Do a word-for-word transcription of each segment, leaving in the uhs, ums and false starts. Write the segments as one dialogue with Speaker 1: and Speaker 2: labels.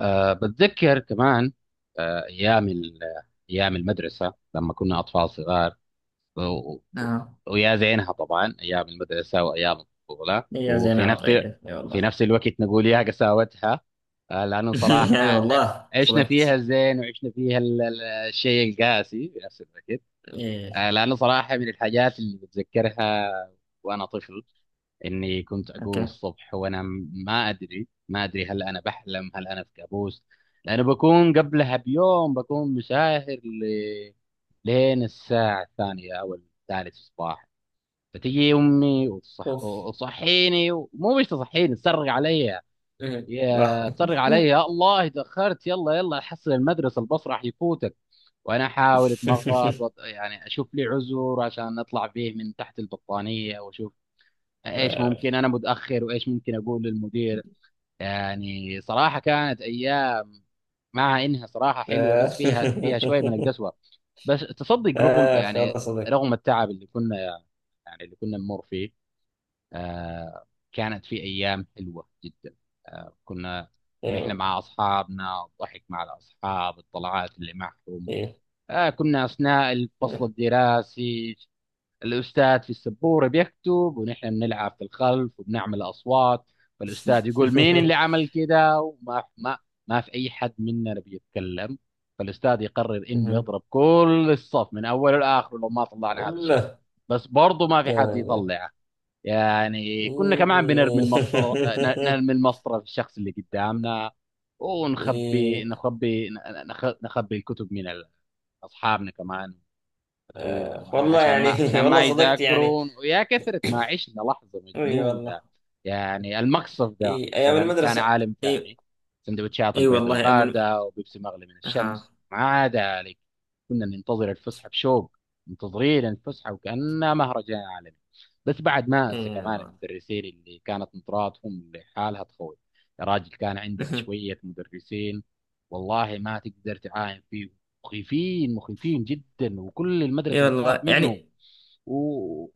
Speaker 1: أه بتذكر كمان، أه أيام ال- أيام المدرسة لما كنا أطفال صغار. و... و-
Speaker 2: اه،
Speaker 1: ويا زينها طبعا، أيام المدرسة وأيام الطفولة.
Speaker 2: يا زين
Speaker 1: وفي نفس
Speaker 2: عوض ايه، اي
Speaker 1: في
Speaker 2: والله.
Speaker 1: نفس الوقت نقول يا قساوتها، آه، لأنه
Speaker 2: اي
Speaker 1: صراحة
Speaker 2: والله
Speaker 1: عشنا فيها
Speaker 2: صدقت.
Speaker 1: الزين وعشنا فيها ال- ال- الشيء القاسي في نفس الوقت.
Speaker 2: ايه.
Speaker 1: آه، لأنه صراحة من الحاجات اللي بتذكرها وأنا طفل، اني كنت اقوم
Speaker 2: اوكي.
Speaker 1: الصبح وانا م- ما ادري ما ادري هل انا بحلم هل انا في كابوس. لانه بكون قبلها بيوم بكون مساهر ل... لين الساعة الثانية او الثالثة الصباح. فتجي امي وتصح...
Speaker 2: اوف.
Speaker 1: وتصحيني، ومو مش تصحيني تصرخ علي.
Speaker 2: إيه. لا.
Speaker 1: يا تصرخ علي، يا الله تاخرت، يلا يلا حصل المدرسة، الباص راح يفوتك. وانا احاول اتمغط وط... يعني اشوف لي عذر عشان اطلع فيه من تحت البطانية واشوف ايش
Speaker 2: آه.
Speaker 1: ممكن انا متاخر وايش ممكن اقول للمدير. يعني صراحه كانت ايام، مع انها صراحه حلوه، بس فيها
Speaker 2: آه.
Speaker 1: فيها شويه من القسوه. بس تصدق، رغم
Speaker 2: اخ،
Speaker 1: يعني
Speaker 2: هذا صدق.
Speaker 1: رغم التعب اللي كنا، يعني اللي كنا نمر فيه، آه كانت في ايام حلوه جدا. آه كنا
Speaker 2: اي
Speaker 1: ونحن
Speaker 2: والله.
Speaker 1: مع اصحابنا، الضحك مع الاصحاب، الطلعات اللي معهم.
Speaker 2: ايه.
Speaker 1: آه كنا اثناء الفصل الدراسي الأستاذ في السبورة بيكتب، ونحن بنلعب في الخلف وبنعمل أصوات. فالأستاذ يقول مين اللي عمل كده، وما ما ما في أي حد مننا بيتكلم. فالأستاذ يقرر إنه يضرب كل الصف من أوله لآخره لو ما طلعنا هذا الشخص،
Speaker 2: والله.
Speaker 1: بس برضه ما في
Speaker 2: لا،
Speaker 1: حد
Speaker 2: لا.
Speaker 1: يطلعه. يعني كنا كمان بنرمي المسطرة، ن- نرمي المسطرة في الشخص اللي قدامنا، ونخبي
Speaker 2: ايه.
Speaker 1: نخبي نخ- نخبي الكتب من ال- أصحابنا كمان،
Speaker 2: آه. والله
Speaker 1: وعشان ما عشان
Speaker 2: يعني. والله
Speaker 1: ما
Speaker 2: صدقت يعني.
Speaker 1: يذاكرون. ويا كثرة ما عشنا لحظة
Speaker 2: اي
Speaker 1: مجنونة!
Speaker 2: والله.
Speaker 1: يعني المقصف ده
Speaker 2: اي ايام
Speaker 1: مثلا كان
Speaker 2: المدرسة.
Speaker 1: عالم
Speaker 2: اي.
Speaker 1: ثاني، سندوتشات
Speaker 2: اي
Speaker 1: البيض
Speaker 2: والله. ايام الم-
Speaker 1: الباردة وبيبسي مغلي من
Speaker 2: ها.
Speaker 1: الشمس مع ذلك. كنا ننتظر الفسحة بشوق، منتظرين الفسحة وكأنها مهرجان عالمي. بس بعد ما
Speaker 2: اي
Speaker 1: أنسى كمان
Speaker 2: والله.
Speaker 1: المدرسين اللي كانت نظراتهم لحالها تخوف. يا راجل كان عندنا شوية مدرسين والله ما تقدر تعاين فيهم، مخيفين مخيفين جدا، وكل
Speaker 2: اي
Speaker 1: المدرسه بتخاف
Speaker 2: والله
Speaker 1: منهم.
Speaker 2: يعني.
Speaker 1: و...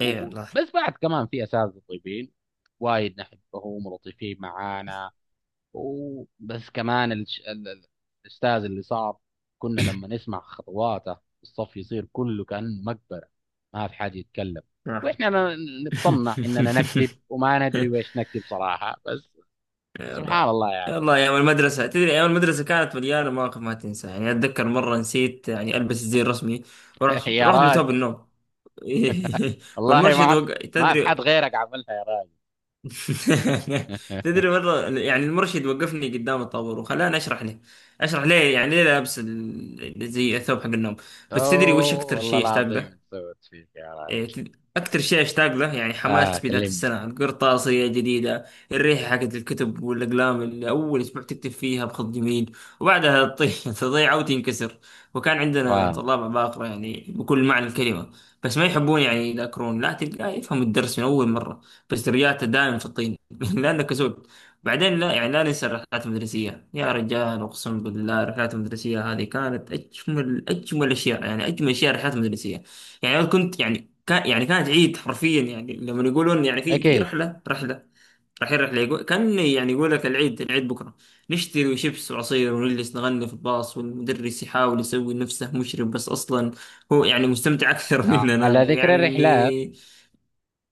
Speaker 1: و...
Speaker 2: اي
Speaker 1: و-
Speaker 2: والله.
Speaker 1: بس بعد كمان في اساتذه طيبين وايد نحبهم ولطيفين معانا. وبس كمان الش... ال... ال- الاستاذ اللي صار كنا لما نسمع خطواته، الصف يصير كله كانه مقبره، ما في حد يتكلم.
Speaker 2: آه.
Speaker 1: واحنا ن- نتصنع اننا نكتب وما ندري ويش نكتب صراحه، بس
Speaker 2: اي والله.
Speaker 1: سبحان الله
Speaker 2: اي
Speaker 1: يعني.
Speaker 2: والله. ايام المدرسة، تدري، ايام المدرسة كانت مليانة مواقف ما تنسى. يعني اتذكر مرة نسيت يعني البس الزي الرسمي، ورحت
Speaker 1: يا
Speaker 2: رحت بثوب
Speaker 1: راجل،
Speaker 2: النوم.
Speaker 1: والله
Speaker 2: والمرشد
Speaker 1: ما في،
Speaker 2: وق...
Speaker 1: ما في
Speaker 2: تدري.
Speaker 1: حد غيرك عملها يا راجل.
Speaker 2: تدري مرة يعني المرشد وقفني قدام الطابور وخلاني اشرح له، اشرح ليه، يعني ليه لابس ال- زي الثوب حق النوم. بس تدري وش
Speaker 1: اوه،
Speaker 2: اكثر
Speaker 1: والله
Speaker 2: شيء اشتاق
Speaker 1: العظيم
Speaker 2: له؟
Speaker 1: إيش سوت فيك يا
Speaker 2: إيه،
Speaker 1: راجل!
Speaker 2: أكتر شيء أشتاق له يعني
Speaker 1: اه
Speaker 2: حماس بداية
Speaker 1: كلمني.
Speaker 2: السنة، القرطاسية جديدة، الريحة حقت الكتب والأقلام اللي أول أسبوع تكتب فيها بخط جميل، وبعدها تطيح تضيع وتنكسر. وكان عندنا
Speaker 1: فاهم،
Speaker 2: طلاب عباقرة يعني بكل معنى الكلمة، بس ما يحبون يعني يذاكرون، لا تلقاه يفهم الدرس من أول مرة، بس درجاته دائما في الطين لأنه كسول. بعدين لا يعني لا ننسى الرحلات المدرسية يا رجال، أقسم بالله الرحلات المدرسية هذه كانت أجمل أجمل أشياء، يعني أجمل أشياء الرحلات المدرسية. يعني أنا كنت يعني، كان يعني كانت عيد حرفيا، يعني لما يقولون يعني في في
Speaker 1: اكيد.
Speaker 2: رحله رحله رايحين رحله، يقول كان يعني يقول لك العيد، العيد بكره. نشتري شيبس وعصير ونجلس نغني في الباص، والمدرس يحاول يسوي نفسه مشرف، بس اصلا هو يعني مستمتع اكثر
Speaker 1: آه، على
Speaker 2: مننا
Speaker 1: ذكر
Speaker 2: يعني.
Speaker 1: الرحلات،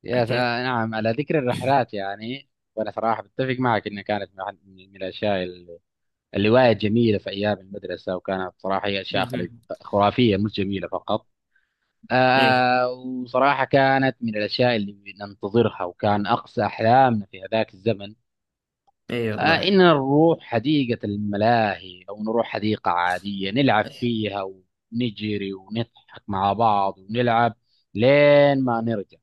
Speaker 1: يا س...
Speaker 2: اوكي.
Speaker 1: آه نعم على ذكر الرحلات يعني، وانا صراحه بتفق معك انها كانت من أحد- من الاشياء اللي، اللي وايد جميله في ايام المدرسه. وكانت صراحه هي اشياء خري-
Speaker 2: مهم.
Speaker 1: خرافيه، مش جميله فقط.
Speaker 2: ايه
Speaker 1: آه وصراحه كانت من الاشياء اللي ننتظرها، وكان اقصى احلامنا في هذاك الزمن
Speaker 2: ايه
Speaker 1: آه،
Speaker 2: والله.
Speaker 1: إن نروح حديقة الملاهي أو نروح حديقة عادية نلعب فيها، ونجري ونضحك مع بعض ونلعب لين ما نرجع.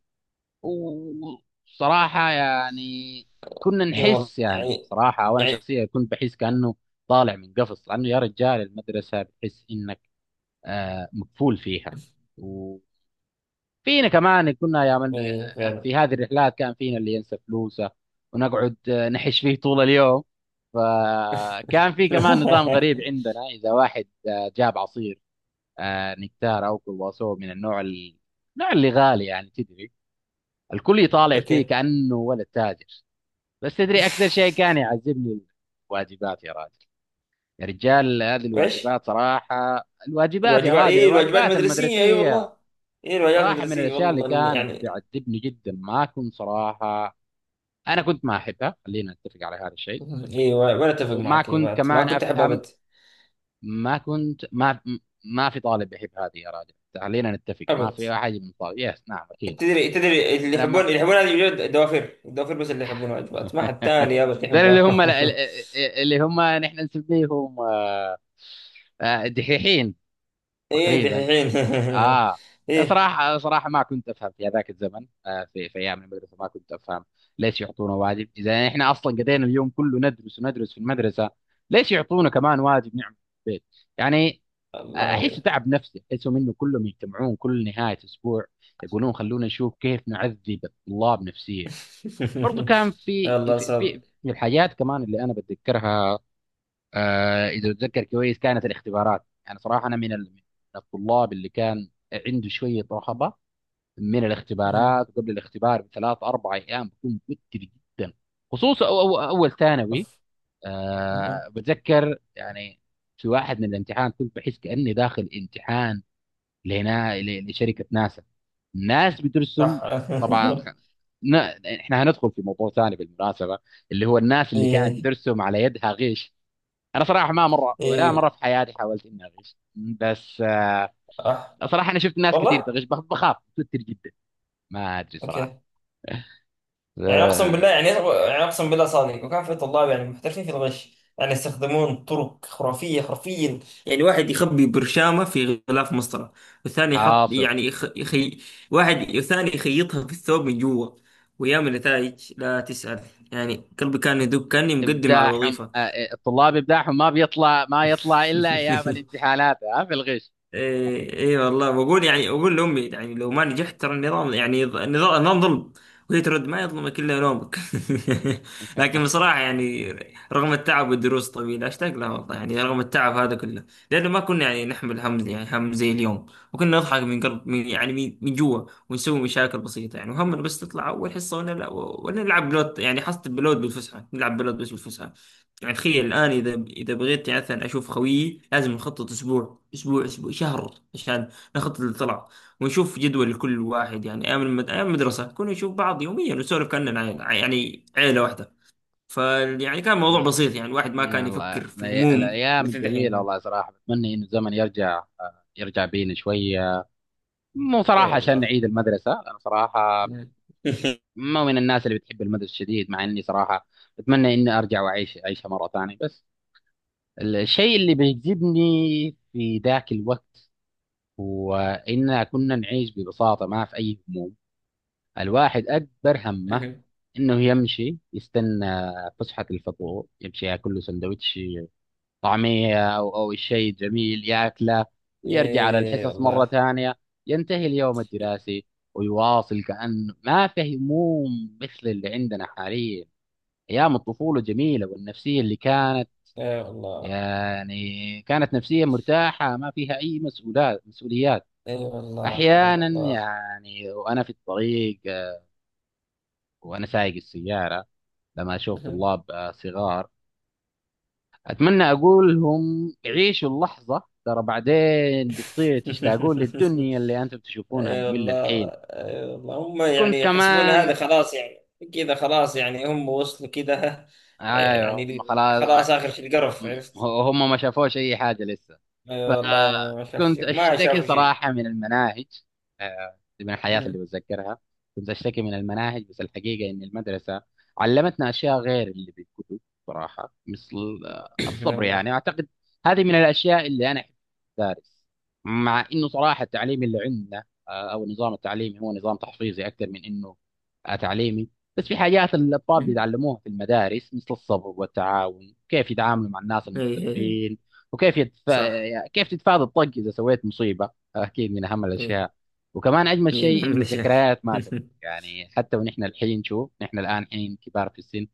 Speaker 1: وصراحة يعني كنا
Speaker 2: ايه والله
Speaker 1: نحس، يعني
Speaker 2: يعني.
Speaker 1: صراحة وأنا
Speaker 2: يعني.
Speaker 1: شخصيا كنت بحس كأنه طالع من قفص، لأنه يا رجال المدرسة بتحس إنك آه، مقفول فيها. فينا كمان كنا، يا من
Speaker 2: ايه فعلا.
Speaker 1: في هذه الرحلات كان فينا اللي ينسى فلوسه ونقعد نحش فيه طول اليوم. فكان في كمان نظام غريب عندنا، إذا واحد جاب عصير آه، نكتار أو كرواسون من النوع ال- النوع اللي غالي، يعني تدري الكل يطالع فيه
Speaker 2: اوكي.
Speaker 1: كأنه ولا تاجر. بس تدري أكثر شيء كان يعذبني؟ الواجبات يا راجل! يا رجال هذه
Speaker 2: وإيش؟
Speaker 1: الواجبات صراحة، الواجبات يا
Speaker 2: الواجبات،
Speaker 1: راجل،
Speaker 2: ايه الواجبات
Speaker 1: الواجبات
Speaker 2: المدرسية، اي
Speaker 1: المدرسية،
Speaker 2: والله. ايه الواجبات
Speaker 1: صراحة من
Speaker 2: المدرسية،
Speaker 1: الأشياء اللي
Speaker 2: والله إني
Speaker 1: كانت
Speaker 2: يعني.
Speaker 1: تعذبني جدا. ما كنت صراحة، أنا كنت ما أحبها، خلينا نتفق على هذا الشيء.
Speaker 2: اي وانا اتفق
Speaker 1: وما
Speaker 2: معك، يا
Speaker 1: كنت
Speaker 2: بعد ما
Speaker 1: كمان
Speaker 2: كنت احب
Speaker 1: أفهم،
Speaker 2: ابد.
Speaker 1: ما كنت ما ما في طالب يحب هذه يا راجل، خلينا نتفق ما
Speaker 2: ابد.
Speaker 1: في أحد من طالب، يس نعم أكيد.
Speaker 2: تدري تدري، اللي
Speaker 1: أنا
Speaker 2: يحبون
Speaker 1: ما،
Speaker 2: اللي يحبون هذه الواجبات الدوافر، الدوافر بس اللي يحبون واجبات، ما حد تاني ابد
Speaker 1: ذول اللي
Speaker 2: يحبها.
Speaker 1: هم، اللي هم نحن نسميهم آه، آه، دحيحين
Speaker 2: ايه
Speaker 1: تقريبا.
Speaker 2: دحين.
Speaker 1: اه
Speaker 2: ايه.
Speaker 1: صراحة، صراحة ما كنت افهم في هذاك الزمن، آه في في ايام المدرسة ما كنت افهم ليش يعطونا واجب، اذا احنا اصلا قضينا اليوم كله ندرس وندرس في المدرسة، ليش يعطونا كمان واجب نعمل في البيت يعني. آه،
Speaker 2: الله
Speaker 1: احس
Speaker 2: عليك.
Speaker 1: تعب نفسي، احسه منه كلهم يجتمعون كل نهاية اسبوع يقولون خلونا نشوف كيف نعذب الطلاب نفسيا. برضو كان في
Speaker 2: يلا
Speaker 1: في
Speaker 2: صابر.
Speaker 1: في في الحاجات كمان اللي انا بتذكرها، آه، اذا اتذكر كويس، كانت الاختبارات. يعني صراحه انا من ال- من الطلاب اللي كان عنده شويه رهبه من الاختبارات، وقبل الاختبار بثلاث اربع ايام بكون متوتر جدا، خصوصا أو أو اول ثانوي.
Speaker 2: أوف. أه.
Speaker 1: أه بتذكر يعني في واحد من الامتحان كنت بحس كاني داخل امتحان لهنا، ل- لشركه ناسا، الناس
Speaker 2: اح.
Speaker 1: بترسم، طبعا خ- ن- احنا هندخل في موضوع ثاني بالمناسبه، اللي هو الناس اللي كانت
Speaker 2: ايه
Speaker 1: بترسم على يدها غيش. انا صراحه ما مره ولا مره
Speaker 2: ايه.
Speaker 1: في حياتي حاولت اني اغش، بس آه،
Speaker 2: اح.
Speaker 1: صراحه انا شفت ناس كثير
Speaker 2: والله.
Speaker 1: تغش، بخ- بخاف متوتر جدا، ما ادري صراحه.
Speaker 2: اوكي. يعني اقسم بالله
Speaker 1: آه،
Speaker 2: يعني، يعني اقسم بالله صادق. وكان في طلاب يعني محترفين في الغش، يعني يستخدمون طرق خرافيه حرفيا. يعني واحد يخبي برشامه في غلاف مسطره، والثاني يحط
Speaker 1: حاصل.
Speaker 2: يعني يخ... يخي... واحد، والثاني يخيطها في الثوب من جوا، ويعمل نتائج لا تسأل. يعني قلبي كان يدق كاني مقدم على
Speaker 1: ابداعهم،
Speaker 2: الوظيفه.
Speaker 1: آه، آه، الطلاب ابداعهم ما بيطلع، ما يطلع الا ايام الامتحانات آه، في الغش.
Speaker 2: ايه ايه والله. بقول يعني اقول لامي يعني لو ما نجحت ترى النظام يعني، ض- النظام، النظام ظلم. وهي ترد ما يظلمك الا نومك. لكن بصراحه يعني رغم التعب والدروس الطويله اشتاق لها والله، يعني رغم التعب هذا كله، لانه ما كنا يعني نحمل هم، يعني هم زي اليوم. وكنا نضحك من قلب، من يعني، من من جوا، ونسوي مشاكل بسيطه. يعني وهمنا بس تطلع اول حصه ونلعب ونلعب بلوت، يعني حصه بلوت بالفسحه، نلعب بلوت بس بالفسحه. يعني تخيل الآن إذا إذا بغيت يعني مثلا أشوف خويي، لازم نخطط أسبوع أسبوع أسبوع شهر عشان نخطط للطلعة، ونشوف جدول لكل واحد. يعني أيام المد... أيام المدرسة كنا نشوف بعض يوميا ونسولف كأننا عيلة، يعني عيلة واحدة. ف يعني كان موضوع
Speaker 1: ال-
Speaker 2: بسيط، يعني الواحد ما كان
Speaker 1: الله،
Speaker 2: يفكر في
Speaker 1: الأي-
Speaker 2: هموم
Speaker 1: الايام
Speaker 2: مثل
Speaker 1: الجميله،
Speaker 2: دحين.
Speaker 1: والله صراحه بتمنى انه الزمن يرجع، آه، يرجع بينا شويه. مو صراحه
Speaker 2: يا
Speaker 1: عشان
Speaker 2: الله.
Speaker 1: نعيد المدرسه، انا صراحه مو من الناس اللي بتحب المدرسه شديد، مع اني صراحه اتمنى اني ارجع واعيش اعيشها مره ثانيه. بس الشيء اللي بيجذبني في ذاك الوقت هو إننا كنا نعيش ببساطة، ما في أي هموم. الواحد أكبر همه إنه يمشي يستنى فسحة الفطور، يمشي ياكل له سندوتش طعمية أو أو الشيء الجميل ياكله، ويرجع على
Speaker 2: ايه
Speaker 1: الحصص مرة
Speaker 2: والله.
Speaker 1: ثانية. ينتهي اليوم
Speaker 2: ايه
Speaker 1: الدراسي ويواصل كأنه ما في هموم مثل اللي عندنا حاليا. أيام الطفولة جميلة، والنفسية اللي كانت،
Speaker 2: والله.
Speaker 1: يعني كانت نفسية مرتاحة ما فيها أي مسؤولات مسؤوليات.
Speaker 2: ايه
Speaker 1: أحيانا
Speaker 2: والله.
Speaker 1: يعني وأنا في الطريق آه، وأنا سايق السيارة، لما أشوف
Speaker 2: ايه
Speaker 1: طلاب آه، صغار، أتمنى أقول لهم عيشوا اللحظة، ترى بعدين بتصير
Speaker 2: والله.
Speaker 1: تشتاقون للدنيا اللي أنتم تشوفونها
Speaker 2: اي
Speaker 1: مملة
Speaker 2: والله.
Speaker 1: الحين.
Speaker 2: اي والله هم
Speaker 1: وكنت
Speaker 2: يعني يحسبون
Speaker 1: كمان،
Speaker 2: هذا خلاص يعني، كذا خلاص، يعني هم وصلوا كذا
Speaker 1: أيوه هم
Speaker 2: يعني.
Speaker 1: خلاص ما-
Speaker 2: خلاص اخر شيء القرف، عرفت.
Speaker 1: هم ما شافوش أي حاجة لسه.
Speaker 2: اي والله، ما شافوا
Speaker 1: فكنت
Speaker 2: شيء، ما
Speaker 1: أشتكي
Speaker 2: شافوا شيء.
Speaker 1: صراحة من المناهج، آه، دي من الحياة اللي
Speaker 2: مم.
Speaker 1: بتذكرها. كنت أشتكي من المناهج، بس الحقيقة إن المدرسة علمتنا أشياء غير اللي بالكتب، صراحة مثل آه،
Speaker 2: اي
Speaker 1: الصبر يعني.
Speaker 2: والله.
Speaker 1: أعتقد هذه من الأشياء اللي أنا أحب أدرس، مع إنه صراحة التعليم اللي عندنا آه، أو النظام التعليمي هو نظام تحفيظي أكثر من إنه آه، تعليمي. بس في حاجات الأطفال
Speaker 2: مم.
Speaker 1: بيتعلموها في المدارس مثل الصبر والتعاون، كيف يتعاملوا مع الناس
Speaker 2: ايه ايه.
Speaker 1: المختلفين، وكيف يدفع
Speaker 2: صح.
Speaker 1: يعني كيف تتفادى الطق اذا سويت مصيبه. اكيد من اهم
Speaker 2: ايه
Speaker 1: الاشياء. وكمان اجمل
Speaker 2: ايه. ما
Speaker 1: شيء ان
Speaker 2: من شاف.
Speaker 1: الذكريات ما تموت، يعني حتى ونحن الحين شوف، نحن الان حين كبار في السن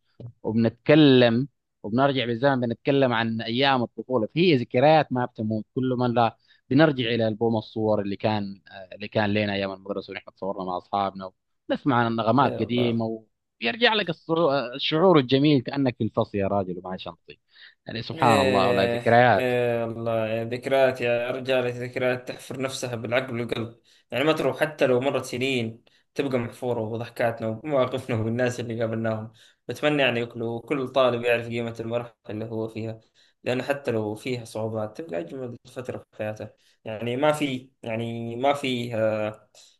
Speaker 1: وبنتكلم، وبنرجع بالزمن بنتكلم عن ايام الطفوله، فهي ذكريات ما بتموت. كل ما لا بنرجع الى البوم الصور اللي كان، اللي كان لنا ايام المدرسه ونحن تصورنا مع اصحابنا، ونسمع عن
Speaker 2: اي
Speaker 1: نغمات
Speaker 2: والله.
Speaker 1: قديمه، ويرجع لك الصعو- الشعور الجميل كانك في الفصل يا راجل ومعي شنطي. يعني سبحان الله، والله
Speaker 2: إيه.
Speaker 1: ذكريات.
Speaker 2: إيه والله يا ذكريات، يا رجال ذكريات تحفر نفسها بالعقل والقلب. يعني ما تروح حتى لو مرت سنين، تبقى محفورة، وضحكاتنا ومواقفنا والناس اللي قابلناهم. بتمنى يعني كل كل طالب يعرف قيمة المرحلة اللي هو فيها، لأن حتى لو فيها صعوبات تبقى أجمل فترة في حياته. يعني ما في يعني ما في،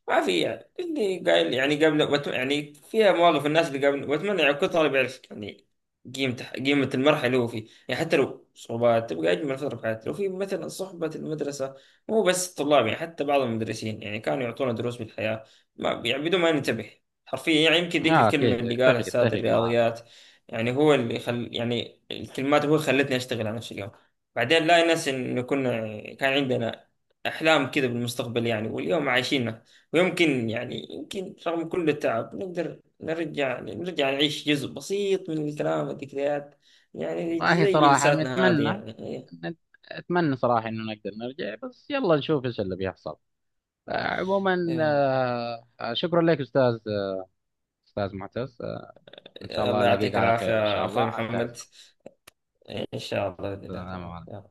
Speaker 2: ما في يعني اللي قايل يعني قبل بت- يعني فيها مواقف الناس اللي قبل، واتمنى يعني كل طالب يعرف يعني قيمته، قيمة المرحلة اللي هو فيه، يعني حتى لو صعوبات تبقى أجمل فترة في حياتي لو في مثلا صحبة المدرسة. مو بس الطلاب، يعني حتى بعض المدرسين يعني كانوا يعطونا دروس بالحياة، ما يعني بدون ما ننتبه، حرفيا. يعني يمكن ذيك
Speaker 1: اه
Speaker 2: الكلمة
Speaker 1: اكيد،
Speaker 2: اللي قالها
Speaker 1: اتفق
Speaker 2: أستاذ
Speaker 1: اتفق معاه.
Speaker 2: الرياضيات، يعني هو اللي خل يعني، الكلمات هو اللي خلتني أشتغل على نفسي اليوم. بعدين لا ننسى إنه كنا كان عندنا أحلام كذا بالمستقبل، يعني واليوم عايشين. ويمكن يعني، يمكن رغم كل التعب نقدر نرجع نرجع نعيش جزء بسيط من الكلام والذكريات، يعني
Speaker 1: والله
Speaker 2: زي
Speaker 1: صراحة
Speaker 2: جلساتنا هذه
Speaker 1: متمنى،
Speaker 2: يعني. إيه.
Speaker 1: اتمنى صراحة انه نقدر نرجع، بس يلا نشوف ايش اللي بيحصل. آه، عموما،
Speaker 2: إيه.
Speaker 1: آه، آه، شكرا لك استاذ، استاذ معتز، آه، ان شاء الله
Speaker 2: الله
Speaker 1: الاقيك
Speaker 2: يعطيك
Speaker 1: على خير ان شاء
Speaker 2: العافية أخوي
Speaker 1: الله.
Speaker 2: محمد. إيه، إن شاء الله بإذن الله تعالى،
Speaker 1: انتهز
Speaker 2: يلا.